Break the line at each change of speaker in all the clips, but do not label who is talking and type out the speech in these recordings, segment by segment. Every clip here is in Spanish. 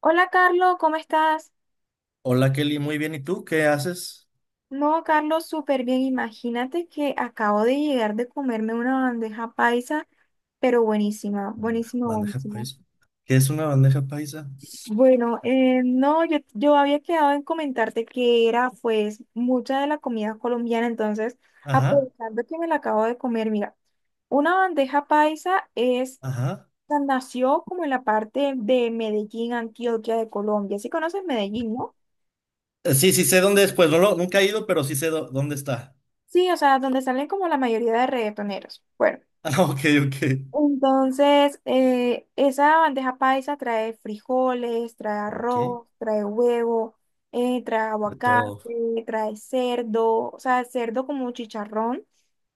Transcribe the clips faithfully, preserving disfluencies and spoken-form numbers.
Hola Carlos, ¿cómo estás?
Hola Kelly, muy bien. ¿Y tú qué haces?
No, Carlos, súper bien. Imagínate que acabo de llegar de comerme una bandeja paisa, pero buenísima, buenísima,
Bandeja
buenísima.
paisa. ¿Qué es una bandeja paisa?
Bueno, eh, no, yo, yo había quedado en comentarte que era pues mucha de la comida colombiana, entonces
Ajá,
aprovechando que me la acabo de comer, mira, una bandeja paisa es,
ajá.
o sea, nació como en la parte de Medellín, Antioquia de Colombia. ¿Sí conoces Medellín, no?
Eh, Sí, sí sé dónde es, pues no lo- nunca he ido, pero sí sé dó- dónde está.
Sí, o sea, donde salen como la mayoría de reggaetoneros. Bueno.
Ah, ok, ok.
Entonces, eh, esa bandeja paisa trae frijoles, trae
Ok,
arroz, trae huevo, eh, trae
de todo.
aguacate, trae cerdo, o sea, cerdo como chicharrón,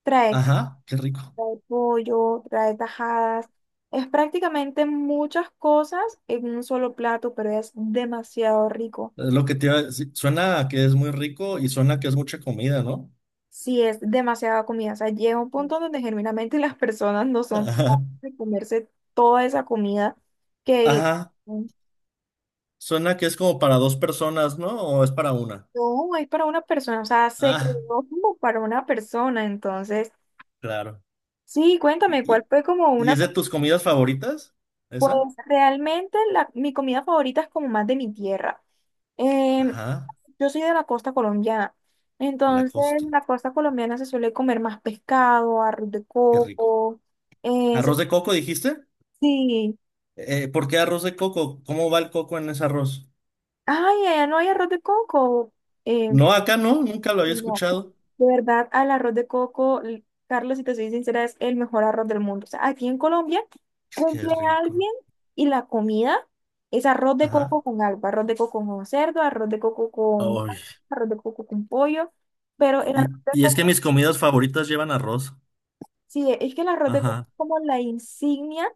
trae, c-
Ajá, qué rico.
trae pollo, trae tajadas. Es prácticamente muchas cosas en un solo plato, pero es demasiado rico.
Es lo que te iba a decir. Suena a que es muy rico y suena a que es mucha comida, ¿no?
Sí, es demasiada comida. O sea, llega un punto donde genuinamente las personas no son
Ajá.
capaces de comerse toda esa comida que le...
Ajá. Suena que es como para dos personas, ¿no? ¿O es para una?
No, es para una persona, o sea, se creó
Ah,
como para una persona, entonces,
claro.
sí,
¿Y,
cuéntame, ¿cuál
y
fue como
y
una,
es de tus comidas favoritas? ¿Esa?
pues realmente la, mi comida favorita es como más de mi tierra. Em,
Ajá,
yo soy de la costa colombiana,
la
entonces
costa.
en la costa colombiana se suele comer más pescado, arroz de
Qué rico.
coco, eh, se-
¿Arroz de coco dijiste?
sí,
Eh, ¿por qué arroz de coco? ¿Cómo va el coco en ese arroz?
ay, allá no hay arroz de coco, em,
No, acá no, nunca lo había
no.
escuchado.
De verdad, al arroz de coco, l- Carlos, si te soy sincera, es el mejor arroz del mundo. O sea, aquí en Colombia
Qué
cumple
rico.
alguien y la comida es arroz de
Ajá.
coco con algo, arroz de coco con cerdo, arroz de coco con
Ay,
carne, arroz de coco con pollo, pero el
Y,
arroz de
y es que
coco,
mis comidas favoritas llevan arroz.
sí, es que el arroz de coco
Ajá.
es como la insignia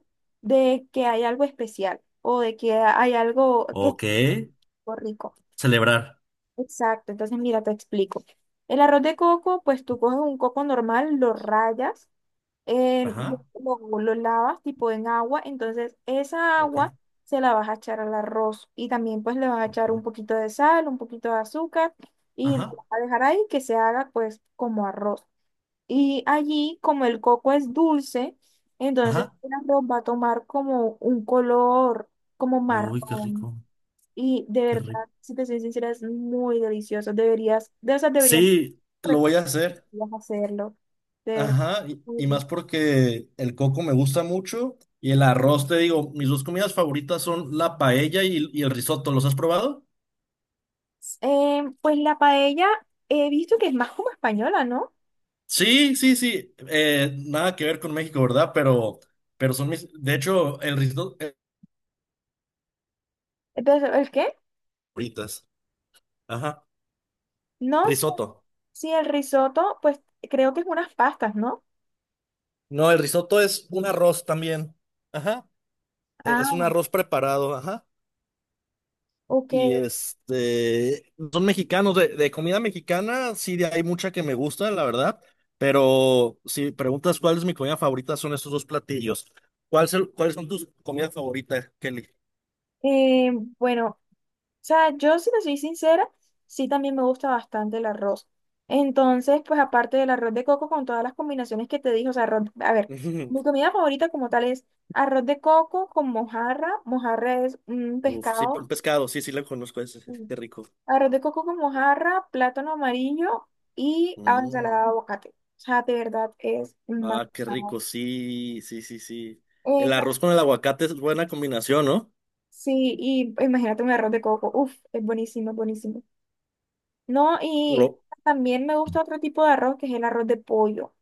de que hay algo especial o de que hay algo que es
Ok.
rico.
Celebrar.
Exacto, entonces mira, te explico. El arroz de coco, pues tú coges un coco normal, lo rayas eh,
Ajá.
lo, lo- lo lavas tipo en agua, entonces esa
Ok.
agua se la vas a echar al arroz y también pues le vas a echar un
Ok.
poquito de sal, un poquito de azúcar y lo
Ajá.
vas a dejar ahí que se haga pues como arroz. Y allí como el coco es dulce, entonces
Ajá.
el arroz va a tomar como un color como
Uy, qué
marrón
rico.
y de
Qué
verdad,
rico.
si te soy sincera, es muy delicioso. Deberías, de esas deberías
Sí, lo
pues,
voy a hacer.
hacerlo. De verdad,
Ajá, y,
muy
y más
rico.
porque el coco me gusta mucho y el arroz, te digo, mis dos comidas favoritas son la paella y, y el risotto. ¿Los has probado?
Eh, pues la paella he visto que es más como española, ¿no?
Sí, sí, sí. Eh, nada que ver con México, ¿verdad? Pero, pero son mis, de hecho, el risotto. eh,
Entonces, ¿el qué?
Favoritas. Ajá,
No sé
risotto.
si el risotto, pues creo que es unas pastas, ¿no?
No, el risotto es un arroz también. Ajá, es un
Ah,
arroz preparado, ajá. Y
ok.
este, son mexicanos, de, de comida mexicana, sí, de- hay mucha que me gusta, la verdad, pero si preguntas cuál es mi comida favorita, son estos dos platillos. ¿Cuál se- cuáles son tus comidas favoritas, Kelly?
Eh, bueno, o sea, yo si te soy sincera, sí también me gusta bastante el arroz. Entonces, pues aparte del arroz de coco con todas las combinaciones que te dije, o sea, arroz, a ver, mi comida favorita como tal es arroz de coco con mojarra. Mojarra es un
Uf, sí, un
pescado.
pescado, sí, sí, lo conozco, ese, sí, qué rico.
Arroz de coco con mojarra, plátano amarillo y ah,
Mm,
ensalada de aguacate. O sea, de verdad es más.
ah, qué rico, sí, sí, sí, sí.
Eh,
El arroz con el aguacate es buena combinación, ¿no?
sí, y imagínate un arroz de coco. Uf, es buenísimo, es buenísimo. No, y
Lo-
también me gusta otro tipo de arroz que es el arroz de pollo.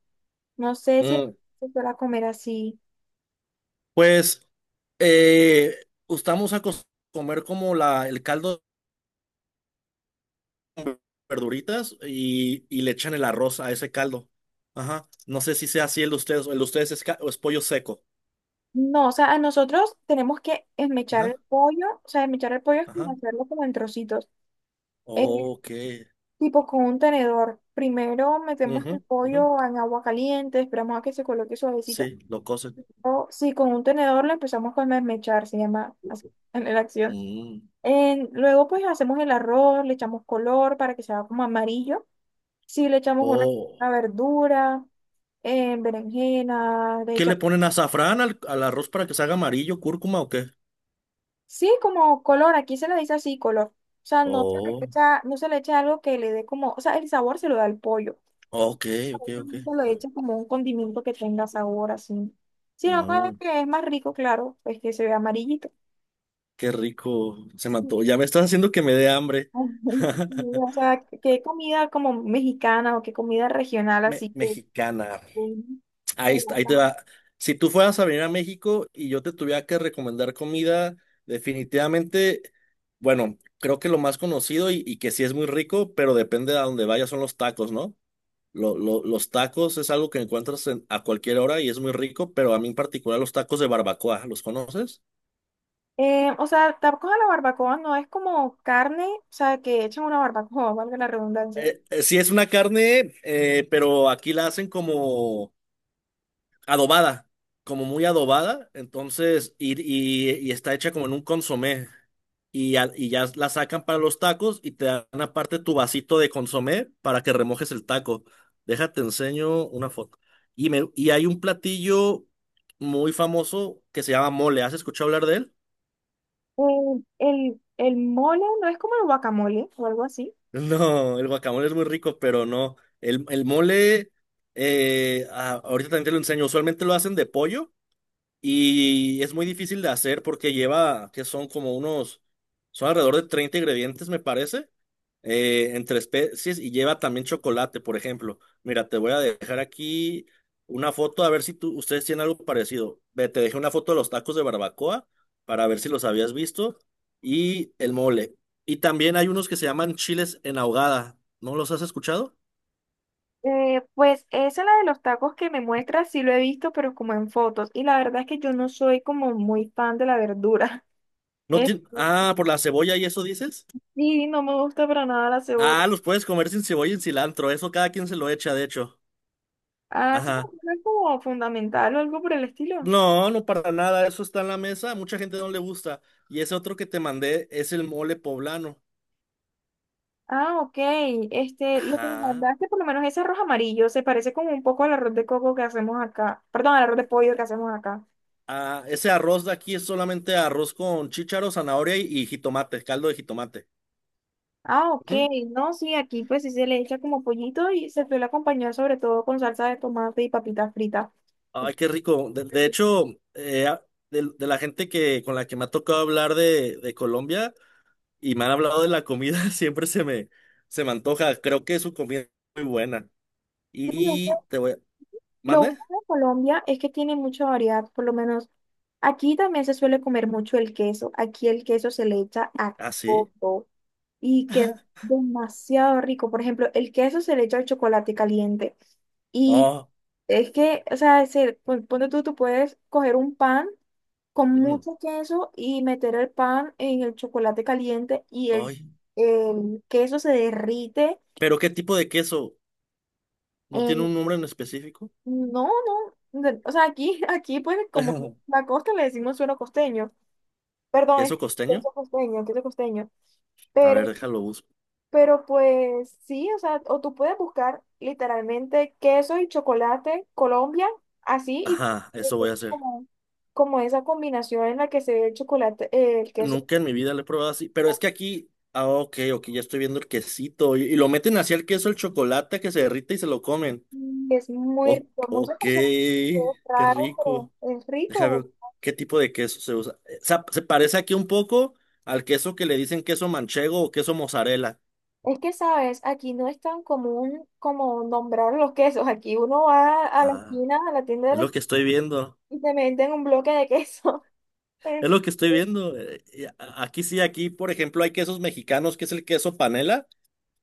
No sé si
mm,
se suele comer así.
Pues, eh, estamos a comer como la, el caldo. Verduritas y, y le echan el arroz a ese caldo. Ajá. No sé si sea así el de ustedes. O el de ustedes es, ca- o es pollo seco.
No, o sea, a nosotros tenemos que esmechar el
Ajá.
pollo. O sea, esmechar el pollo es como
Ajá.
hacerlo como en trocitos. Eh,
Ok.
Tipo con un tenedor. Primero metemos el
Ujú, ujú.
pollo en agua caliente, esperamos a que se coloque suavecito.
Sí, lo cocen.
O si con un tenedor lo empezamos a desmechar, se llama así en la acción.
Mm.
En- luego pues hacemos el arroz, le echamos color para que se haga como amarillo. Si le echamos una,
Oh.
una verdura, eh, berenjena, le
¿Qué le
echamos...
ponen azafrán al, al arroz para que se haga amarillo, cúrcuma o qué?
Sí, como color, aquí se le dice así, color. O sea, no se le
Oh.
echa, no se le echa algo que le dé como, o sea, el sabor se lo da el pollo.
Ok, ok, ok.
Nunca lo he hecho como un condimento que tenga sabor así. Sino como
Mm,
que es más rico, claro, pues que se ve amarillito.
qué rico. Se
Sí.
mató. Ya me estás haciendo que me dé hambre.
O sea, qué comida como mexicana o qué comida regional
Me-
así que...
mexicana. Ahí, está- ahí te va. Si tú fueras a venir a México y yo te tuviera que recomendar comida, definitivamente, bueno, creo que lo más conocido y, y que sí es muy rico, pero depende de a dónde vayas, son los tacos, ¿no? Lo- lo- los tacos es algo que encuentras en- a cualquier hora y es muy rico, pero a mí en particular los tacos de barbacoa, ¿los conoces?
Eh, o sea, tampoco la barbacoa no es como carne, o sea, que echan una barbacoa, valga la redundancia.
Eh, eh, sí, es una carne, eh, pero aquí la hacen como... adobada, como muy adobada, entonces, y, y- y está hecha como en un consomé. Y, al- y ya la sacan para los tacos y te dan aparte tu vasito de consomé para que remojes el taco. Déjate, enseño una foto. Y, me, y hay un platillo muy famoso que se llama mole. ¿Has escuchado hablar de él?
Eh, el, el mole no es como el guacamole o algo así.
No, el guacamole es muy rico, pero no. El, el mole, eh, ah, ahorita también te lo enseño. Usualmente lo hacen de pollo. Y es muy difícil de hacer porque lleva, que son como unos, son alrededor de treinta ingredientes, me parece, eh, entre especies y lleva también chocolate, por ejemplo. Mira, te voy a dejar aquí una foto a ver si tú, ustedes tienen algo parecido. Ve, te dejé una foto de los tacos de barbacoa para ver si los habías visto y el mole. Y también hay unos que se llaman chiles en ahogada. ¿No los has escuchado?
Eh, pues esa la de los tacos que me muestra, sí lo he visto, pero como en fotos. Y la verdad es que yo no soy como muy fan de la verdura.
No
Es-
tien- Ah, por la cebolla y eso dices.
sí, no me gusta para nada la cebolla.
Ah, los puedes comer sin cebolla y cilantro. Eso cada quien se lo echa, de hecho.
Ah, ¿sí
Ajá.
no es como fundamental o algo por el estilo?
No, no para nada. Eso está en la mesa. A mucha gente no le gusta. Y ese otro que te mandé es el mole poblano.
Ah, ok. Este, lo que me
Ajá.
mandaste, por lo menos ese arroz amarillo, se parece como un poco al arroz de coco que hacemos acá. Perdón, al arroz de pollo que hacemos acá.
Ah, ese arroz de aquí es solamente arroz con chícharo, zanahoria y, y jitomate, caldo de jitomate.
Ah, ok.
Ujú.
No, sí, aquí pues sí se le echa como pollito y se suele acompañar sobre todo con salsa de tomate y papitas fritas.
Ay, qué rico. De, de hecho, eh, a- de, de la gente que con la que me ha tocado hablar de, de Colombia y me han hablado de la comida, siempre se me, se me antoja. Creo que su comida es muy buena.
Sí, o sea,
Y te voy,
lo
¿Mande?
bueno de Colombia es que tiene mucha variedad, por lo menos aquí también se suele comer mucho el queso. Aquí el queso se le echa a
Ah, sí.
todo y queda demasiado rico. Por ejemplo, el queso se le echa al chocolate caliente y
Oh,
es que, o sea, se, pon- ponte tú, tú puedes coger un pan con
ujú.
mucho queso y meter el pan en el chocolate caliente y el,
Ay.
el queso se derrite.
¿Pero qué tipo de queso? ¿No tiene un nombre en específico?
No, no. de- O sea, aquí, aquí pues como la costa le decimos suelo costeño. Perdón, es
¿Queso costeño?
queso costeño, queso costeño.
A
Pero,
ver, déjalo busco.
pero pues sí, o sea, o tú puedes buscar literalmente queso y chocolate Colombia, así, y
Ajá,
te-
eso voy a
te
hacer.
como, como esa combinación en la que se ve el chocolate, eh, el queso,
Nunca en mi vida lo he probado así. Pero es que aquí. Ah, ok, ok, ya estoy viendo el quesito. Y, y lo meten hacia el queso, el chocolate que se derrite y se lo comen.
que es muy
O-
rico. Muchas
ok,
personas, es
qué
raro, pero
rico.
es
Déjame ver
rico.
qué tipo de queso se usa. Eh, sa- se parece aquí un poco al queso que le dicen queso manchego o queso mozzarella.
Es que, sabes, aquí no es tan común como nombrar los quesos. Aquí uno va a la
Ajá.
esquina, a la tienda de
Es
la
lo
esquina
que estoy viendo.
y te meten un bloque de queso.
Es lo que estoy viendo. eh, y a- Aquí sí, aquí, por ejemplo, hay quesos mexicanos, que es el queso panela.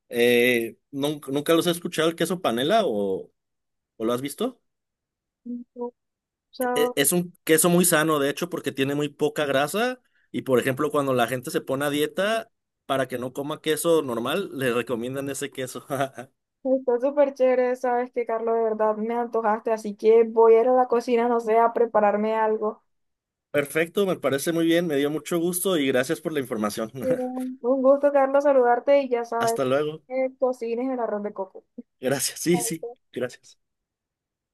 Eh, nun- ¿nunca, los he escuchado el queso panela o, o lo has visto?
Entonces, o
E-
sea,
e, Es un queso muy sano, de hecho, porque tiene muy poca grasa. Y, por ejemplo, cuando la gente se pone a dieta para que no coma queso normal, le recomiendan ese queso.
está súper chévere, sabes que, Carlos, de verdad me antojaste, así que voy a ir a la cocina, no sé, a prepararme algo.
Perfecto, me parece muy bien, me dio mucho gusto y gracias por la información.
Pero un gusto, Carlos, saludarte y ya sabes,
Hasta luego.
eh, cocines el arroz de coco.
Gracias, sí, sí, gracias.